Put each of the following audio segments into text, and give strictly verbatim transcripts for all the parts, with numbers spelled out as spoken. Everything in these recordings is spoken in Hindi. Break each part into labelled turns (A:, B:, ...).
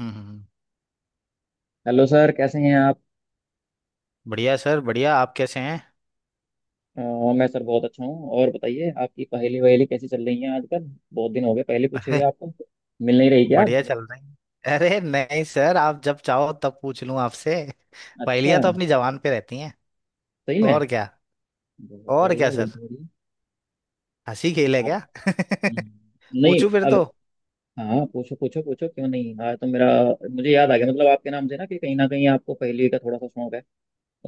A: हम्म हम्म, हम्म।
B: हेलो सर, कैसे हैं आप?
A: बढ़िया सर, बढ़िया। आप कैसे हैं?
B: अ, मैं सर बहुत अच्छा हूँ। और बताइए, आपकी पहेली वहेली कैसी चल रही है आजकल? बहुत दिन हो गए पहले पूछे हुए
A: अरे,
B: आपको। मिल नहीं रही क्या आप?
A: बढ़िया चल रहे हैं। अरे नहीं सर, आप जब चाहो तब पूछ लूं आपसे।
B: अच्छा।
A: पहेलियां तो अपनी जबान पे रहती हैं।
B: सही
A: और
B: में।
A: क्या।
B: बहुत
A: और क्या
B: बढ़िया, बहुत
A: सर।
B: बढ़िया।
A: हंसी खेल है
B: आप।
A: क्या?
B: हम्म, नहीं
A: पूछूं फिर
B: अब।
A: तो।
B: हाँ पूछो पूछो पूछो, क्यों नहीं। हाँ तो मेरा, मुझे याद आ गया, मतलब आपके नाम से ना, कि कहीं ना कहीं आपको पहेली का थोड़ा सा शौक है।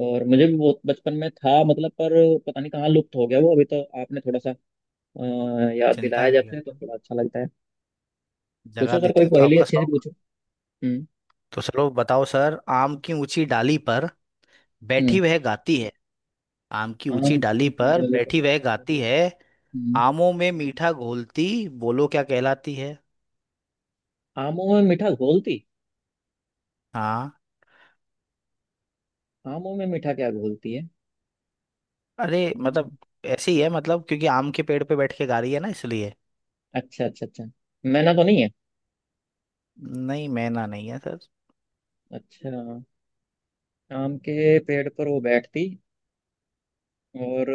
B: और मुझे भी बहुत बचपन में था मतलब, पर पता नहीं कहाँ लुप्त हो गया वो। अभी तो आपने थोड़ा सा अ, याद
A: चिंता
B: दिलाया,
A: नहीं
B: जब से तो
A: करता।
B: थोड़ा अच्छा लगता है।
A: जगा
B: पूछो सर,
A: देते
B: कोई
A: हैं तो
B: पहेली
A: आपका
B: अच्छे से
A: शौक।
B: पूछो। हम्म
A: तो चलो बताओ सर, आम की ऊंची डाली पर
B: हम्म।
A: बैठी वह गाती है। आम की
B: आम
A: ऊंची
B: क्यों
A: डाली
B: की
A: पर
B: डाले पर?
A: बैठी वह गाती है।
B: हम्म,
A: आमों में मीठा घोलती, बोलो क्या कहलाती है?
B: आमों में मीठा घोलती।
A: हाँ।
B: आमों में मीठा क्या घोलती है?
A: अरे, मतलब
B: हम्म,
A: ऐसे ही है, मतलब क्योंकि आम के पेड़ पे बैठ के गा रही है ना, इसलिए।
B: अच्छा अच्छा अच्छा। मैना तो नहीं है?
A: नहीं, मैना नहीं है सर।
B: अच्छा। आम के पेड़ पर वो बैठती, और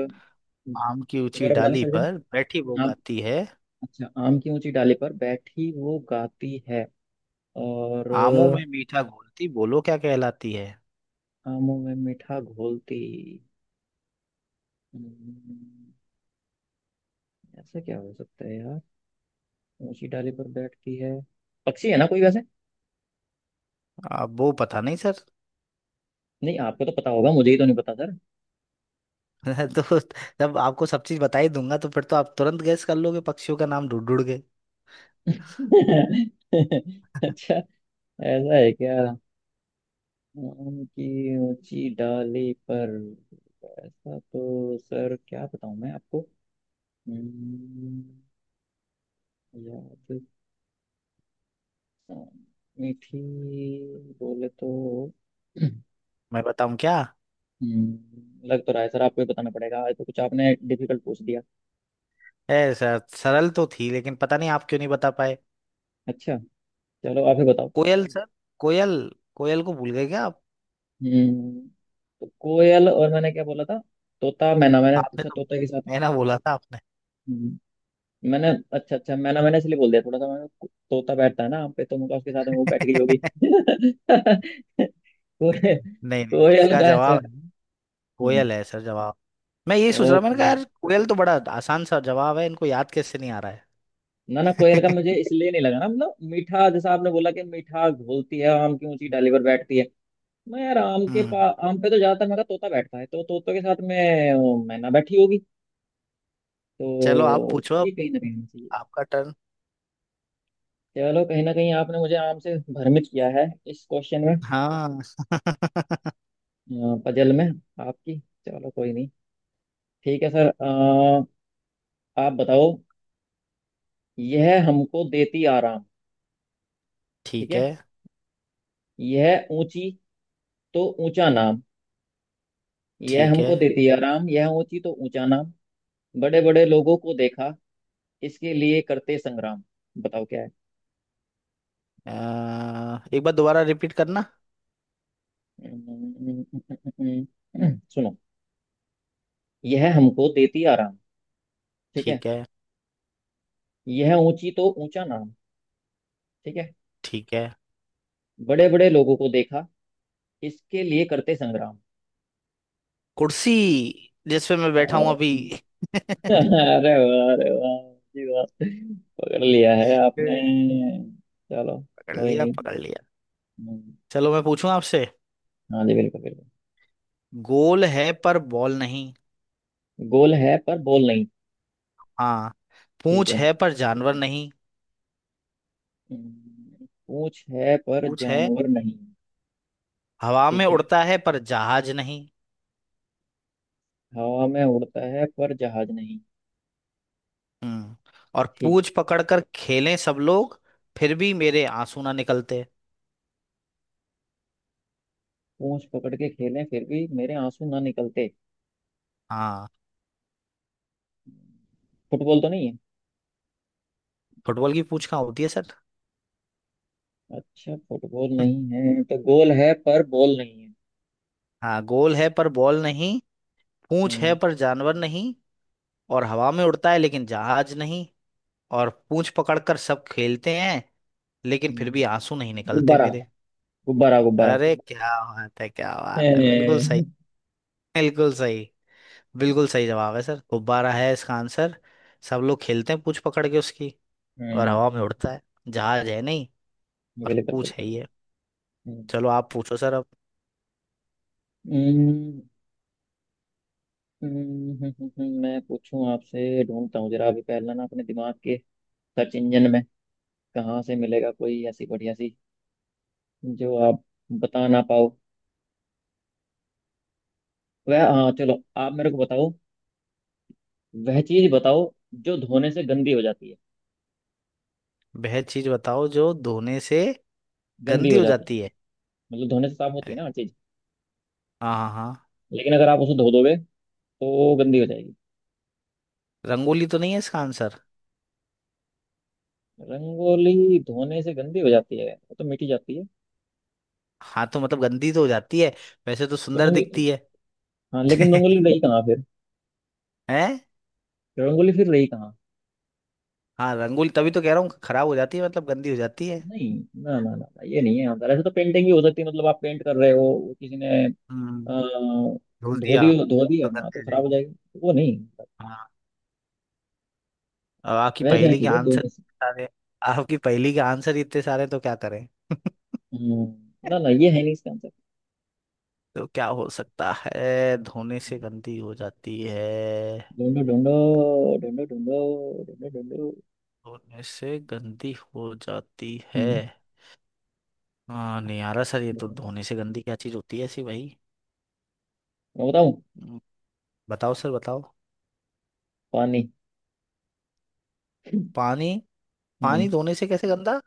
A: आम की ऊंची
B: दोबारा बताना
A: डाली
B: सर।
A: पर बैठी वो
B: आम,
A: गाती है।
B: अच्छा आम की ऊंची डाली पर बैठी वो गाती है, और
A: आमों में मीठा घोलती, बोलो क्या कहलाती है?
B: आमों में मीठा घोलती। हम्म, ऐसा क्या हो सकता है यार। ऊंची डाली पर बैठती है, पक्षी है ना कोई वैसे?
A: अब वो पता नहीं सर।
B: नहीं, आपको तो पता होगा, मुझे ही तो नहीं पता सर।
A: तो जब आपको सब चीज बता ही दूंगा तो फिर तो आप तुरंत गैस कर लोगे पक्षियों का नाम ढूंढ ढूंढ के।
B: अच्छा। ऐसा है क्या? आम की ऊंची डाली पर, ऐसा तो सर क्या बताऊं मैं आपको। हम्म, याद, अ, मीठी, बोले तो।
A: मैं बताऊं क्या?
B: हम्म, लग तो रहा है सर, आपको ही बताना पड़ेगा। आज तो कुछ आपने डिफिकल्ट पूछ दिया।
A: है सर, सरल तो थी लेकिन पता नहीं आप क्यों नहीं बता पाए।
B: अच्छा, चलो आप ही बताओ।
A: कोयल सर। कोयल। कोयल को भूल गए क्या आप?
B: हम्म तो कोयल, और मैंने क्या बोला था? तोता मैना, मैंने
A: आपने
B: पूछा
A: तो
B: तोते के साथ।
A: मैना बोला था।
B: हम्म, मैंने, अच्छा अच्छा, मैंने मैंने इसलिए बोल दिया थोड़ा सा। मैंने तोता बैठता है ना आम पे, तो मुझे उसके साथ में वो बैठ गई होगी।
A: आपने।
B: कोयल।
A: नहीं नहीं,
B: कोयल
A: इसका
B: का ऐसा।
A: जवाब है,
B: हम्म
A: कोयल है सर जवाब। मैं यही सोच रहा
B: और
A: हूँ, मैंने कहा यार कोयल तो बड़ा आसान सा जवाब है, इनको याद कैसे नहीं आ रहा
B: ना ना, कोयल का
A: है?
B: मुझे इसलिए नहीं लगा ना, मतलब मीठा जैसा आपने बोला कि मीठा घोलती है, आम की ऊंची डाली पर बैठती है। मैं यार आम के
A: हम्म।
B: पा आम पे तो ज्यादातर मेरा तोता बैठता है, तो तोते के साथ में वो मैना बैठी होगी।
A: चलो आप
B: तो
A: पूछो
B: ये
A: अब।
B: कहीं ना कहीं होना चाहिए।
A: आपका टर्न।
B: चलो, कहीं ना कहीं आपने मुझे आम से भ्रमित किया है इस क्वेश्चन में,
A: हाँ।
B: पजल में आपकी। चलो कोई नहीं। ठीक है सर। अ, आप बताओ। यह हमको देती आराम, ठीक
A: ठीक है।
B: है। यह ऊंची तो ऊंचा नाम। यह
A: ठीक
B: हमको
A: है।
B: देती आराम, यह ऊंची तो ऊंचा नाम, बड़े बड़े लोगों को देखा, इसके लिए करते संग्राम। बताओ क्या है।
A: अ, एक बार दोबारा रिपीट करना।
B: सुनो। यह हमको देती आराम, ठीक है।
A: ठीक है।
B: यह ऊंची तो ऊंचा नाम, ठीक है।
A: ठीक है।
B: बड़े बड़े लोगों को देखा, इसके लिए करते संग्राम।
A: कुर्सी, जिसपे मैं
B: अ,
A: बैठा हूं अभी।
B: अरे वाह, अरे वाह! जी वाह, पकड़ लिया है आपने।
A: ए,
B: चलो
A: पकड़
B: कोई
A: लिया,
B: नहीं।
A: पकड़ लिया।
B: हम्म,
A: चलो मैं पूछूं आपसे।
B: हाँ जी, बिल्कुल बिल्कुल।
A: गोल है पर बॉल नहीं।
B: गोल है पर बोल नहीं,
A: हाँ।
B: ठीक
A: पूंछ
B: है।
A: है पर जानवर नहीं।
B: हम्म, पूंछ है पर
A: पूंछ है।
B: जानवर नहीं,
A: हवा में
B: ठीक है।
A: उड़ता है पर जहाज नहीं।
B: हवा में उड़ता है पर जहाज नहीं,
A: हम्म। और
B: ठीक।
A: पूंछ पकड़कर खेलें सब लोग, फिर भी मेरे आंसू ना निकलते।
B: पूंछ पकड़ के खेलें फिर भी मेरे आंसू ना निकलते।
A: हाँ।
B: फुटबॉल तो नहीं है?
A: फुटबॉल की पूंछ कहाँ होती है सर?
B: अच्छा, फुटबॉल नहीं है तो गोल है पर बॉल नहीं है।
A: हाँ, गोल है पर बॉल नहीं। पूंछ है
B: हम्म
A: पर जानवर नहीं। और हवा में उड़ता है लेकिन जहाज नहीं। और पूंछ पकड़कर सब खेलते हैं, लेकिन फिर
B: हम्म,
A: भी आंसू नहीं निकलते
B: गुब्बारा!
A: मेरे।
B: गुब्बारा, गुब्बारा।
A: अरे क्या बात है, क्या बात है, बिल्कुल सही। बिल्कुल सही। बिल्कुल सही जवाब है सर, गुब्बारा है इसका आंसर। सब लोग खेलते हैं पूंछ पकड़ के उसकी। और
B: हम्म
A: हवा में उड़ता है, जहाज है नहीं। और
B: बिल्कुल
A: पूछ है
B: बिल्कुल
A: ही है।
B: बिल्कुल। हम्म,
A: चलो आप पूछो सर अब।
B: हम्म, हम्म, हम्म, हम्म, मैं पूछूं आपसे, ढूंढता हूँ जरा अभी पहला ना अपने दिमाग के सर्च इंजन में। कहाँ से मिलेगा कोई ऐसी बढ़िया सी जो आप बता ना पाओ। वह, हाँ चलो आप मेरे को बताओ। वह चीज बताओ जो धोने से गंदी हो जाती है।
A: वह चीज बताओ जो धोने से
B: गंदी
A: गंदी
B: हो
A: हो
B: जाती है,
A: जाती है।
B: मतलब धोने से साफ होती
A: अरे,
B: है ना हर चीज।
A: हाँ हाँ हाँ।
B: लेकिन अगर आप उसे धो दोगे, तो गंदी हो जाएगी।
A: रंगोली तो नहीं है इसका आंसर?
B: रंगोली धोने से गंदी हो जाती है, वो तो मिटी जाती है।
A: हाँ तो मतलब गंदी तो हो जाती है। वैसे तो
B: तो
A: सुंदर
B: रंग,
A: दिखती है।
B: हाँ लेकिन रंगोली रही कहाँ फिर?
A: हैं।
B: रंगोली फिर रही कहाँ?
A: हाँ, रंगोली तभी तो कह रहा हूँ, खराब हो जाती है, मतलब गंदी हो जाती है।
B: नहीं, ना ना ना ना, ये नहीं है। अंदर ऐसे तो पेंटिंग भी हो सकती है, मतलब आप पेंट कर रहे हो वो किसी ने
A: हम्म।
B: अ,
A: धो
B: धो
A: दिया।
B: दी, धो दी
A: तो
B: है ना तो
A: गंदी हो
B: खराब हो
A: जाएगी।
B: जाएगी, तो वो नहीं।
A: हाँ। अब आपकी
B: वह क्या
A: पहेली के
B: चीज है दो
A: आंसर
B: में से?
A: इतने सारे। आपकी पहेली के आंसर इतने सारे, तो क्या करें?
B: हम्म, ना ना, ये है नहीं इसका आंसर।
A: तो क्या हो सकता है, धोने से गंदी हो जाती है?
B: ढूंढो ढूंढो ढूंढो, ढूंढो ढूंढो ढूंढो।
A: धोने से गंदी हो जाती है।
B: हम्म,
A: हाँ, नहीं आ रहा सर, ये तो
B: बताओ।
A: धोने से गंदी क्या चीज होती है ऐसी भाई।
B: मैं बताऊं?
A: हम्म, बताओ सर, बताओ।
B: पानी।
A: पानी।
B: हम्म।
A: पानी धोने से कैसे गंदा?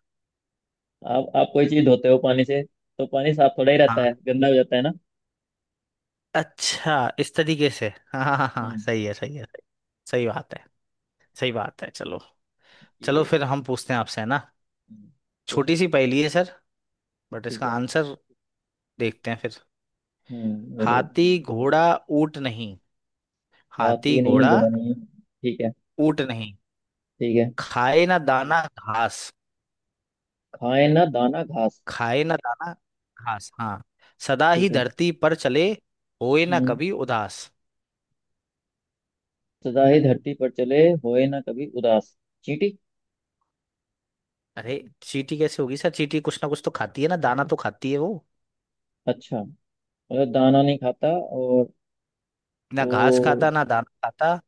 B: आप आप कोई चीज धोते हो पानी से, तो पानी साफ थोड़ा ही रहता
A: हाँ।
B: है, गंदा हो जाता है ना।
A: अच्छा, इस तरीके से। हाँ हाँ हाँ हाँ,
B: हम्म
A: सही है, सही है, सही। सही बात है। सही बात है, चलो। चलो
B: ये
A: फिर हम पूछते हैं आपसे, है ना?
B: हम्म, पूछो।
A: छोटी सी पहेली है सर। बट
B: ठीक
A: इसका
B: है।
A: आंसर देखते हैं फिर।
B: हम्म मेरे को,
A: हाथी घोड़ा ऊंट नहीं। हाथी
B: हाथी नहीं,
A: घोड़ा
B: घोड़ा नहीं है, ठीक है।
A: ऊंट नहीं।
B: ठीक है,
A: खाए ना दाना घास।
B: खाए ना दाना घास,
A: खाए ना दाना घास, हाँ। सदा ही
B: ठीक है।
A: धरती पर चले, होए ना
B: हम्म
A: कभी उदास।
B: सदा ही धरती पर चले, होए ना कभी उदास। चींटी।
A: अरे चींटी कैसे होगी सर, चींटी कुछ ना कुछ तो खाती है ना, दाना तो खाती है वो।
B: अच्छा, मतलब दाना नहीं खाता और,
A: ना घास
B: तो
A: खाता, ना दाना खाता।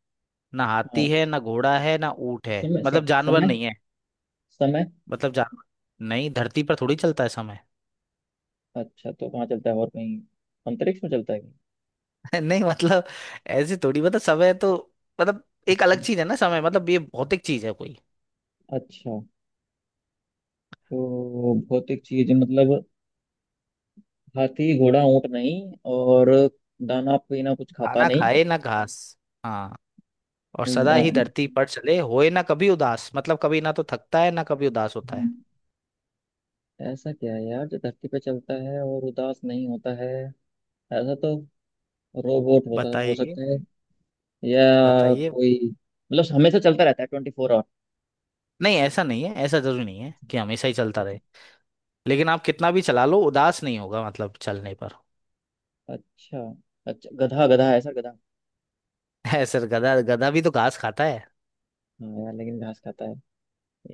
A: ना हाथी
B: हाँ
A: है, ना घोड़ा है, ना ऊंट है,
B: समय, स,
A: मतलब जानवर
B: समय,
A: नहीं है।
B: समय।
A: मतलब जानवर नहीं, धरती पर थोड़ी चलता है समय।
B: अच्छा, तो कहाँ चलता है और कहीं, अंतरिक्ष में चलता है कहीं?
A: नहीं मतलब, ऐसे थोड़ी, मतलब समय तो, मतलब एक
B: अच्छा
A: अलग चीज है ना समय, मतलब ये भौतिक चीज है कोई।
B: अच्छा। तो भौतिक चीज मतलब, हाथी घोड़ा ऊंट नहीं, और दाना पीना कुछ खाता
A: दाना
B: नहीं।
A: खाए ना घास, हाँ। और सदा
B: ना,
A: ही धरती पर चले, होए ना कभी उदास, मतलब कभी ना तो थकता है ना कभी उदास होता
B: हम्म,
A: है।
B: ऐसा क्या है यार जो धरती पे चलता है और उदास नहीं होता है। ऐसा तो रोबोट होता, हो
A: बताइए।
B: सकते हैं, या
A: बताइए।
B: कोई, मतलब हमेशा चलता रहता है ट्वेंटी फोर आवर।
A: नहीं, ऐसा नहीं है, ऐसा जरूरी नहीं है कि हमेशा ही चलता
B: अच्छा
A: रहे। लेकिन आप कितना भी चला लो, उदास नहीं होगा, मतलब चलने पर।
B: अच्छा, अच्छा अच्छा, गधा गधा है सर गधा।
A: है सर गधा। गधा भी तो घास खाता है।
B: हाँ यार, लेकिन घास खाता है,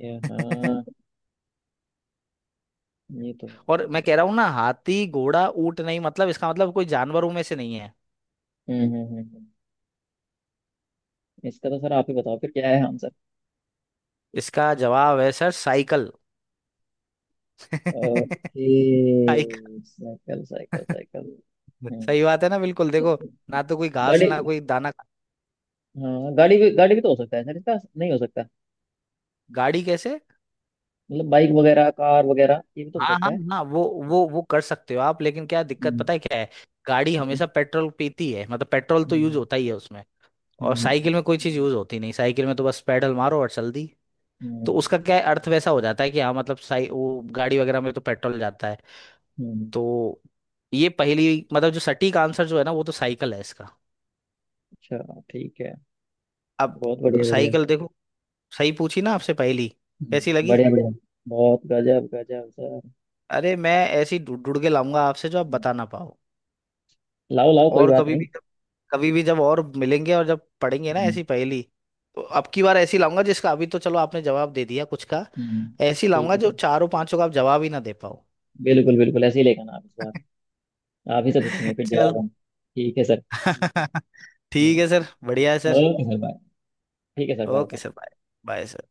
B: ये, हाँ, ये तो
A: और मैं
B: है।
A: कह रहा हूँ ना, हाथी घोड़ा ऊंट नहीं, मतलब इसका मतलब कोई जानवरों में से नहीं है।
B: हम्म हम्म हम्म हम्म। इसका तो सर आप ही बताओ फिर, क्या है आंसर?
A: इसका जवाब है sir, cycle.
B: Okay.
A: Cycle.
B: Cycle, cycle, cycle. हम्म
A: सही बात है ना, बिल्कुल देखो। ना तो कोई घास,
B: गाड़ी,
A: ना कोई दाना खा-
B: हाँ गाड़ी भी, गाड़ी भी तो हो सकता है सर इसका, नहीं हो सकता?
A: गाड़ी कैसे?
B: मतलब बाइक वगैरह, कार वगैरह, ये भी तो हो
A: हाँ
B: सकता
A: हाँ
B: है।
A: हाँ, वो वो वो कर सकते हो आप, लेकिन क्या दिक्कत पता
B: हम्म
A: है क्या है? गाड़ी
B: हम्म
A: हमेशा पेट्रोल पीती है, मतलब पेट्रोल तो यूज
B: हम्म
A: होता ही है उसमें।
B: हम्म,
A: और
B: हम्म,
A: साइकिल
B: हम्म।
A: में कोई चीज यूज होती नहीं, साइकिल में तो बस पैडल मारो और चल दी। तो
B: हम्म,
A: उसका क्या है, अर्थ वैसा हो जाता है कि हाँ, मतलब साइ वो गाड़ी वगैरह में तो पेट्रोल जाता है।
B: हम्म,
A: तो ये पहली, मतलब जो सटीक आंसर जो है ना, वो तो साइकिल है इसका।
B: अच्छा ठीक है।
A: अब
B: बहुत बढ़िया, बढ़िया, बढ़िया।
A: साइकिल देखो, सही पूछी ना आपसे पहली? कैसी
B: हम्म,
A: लगी?
B: बढ़िया बढ़िया। बहुत गजब गजब सर।
A: अरे, मैं ऐसी ढूंढ ढूंढ के लाऊंगा आपसे, जो आप
B: हम्म,
A: बता ना पाओ।
B: लाओ लाओ, कोई
A: और
B: बात
A: कभी
B: नहीं।
A: भी, कभी भी जब और मिलेंगे और जब पढ़ेंगे ना
B: हम्म,
A: ऐसी पहेली, तो अब की बार ऐसी लाऊंगा, जिसका अभी तो चलो आपने जवाब दे दिया कुछ का।
B: हम्म,
A: ऐसी
B: ठीक
A: लाऊंगा
B: है
A: जो
B: सर।
A: चारों पांचों का आप जवाब ही ना दे पाओ।
B: बिल्कुल बिल्कुल, ऐसे ही लेकर आना आप इस बार। आप ही से पूछेंगे फिर
A: चल।
B: जवाब हम, ठीक है सर। हम्म,
A: ठीक है सर, बढ़िया है सर।
B: Okay sir, bye. ठीक है sir,
A: okay
B: bye.
A: Sir, bye. Bye sir.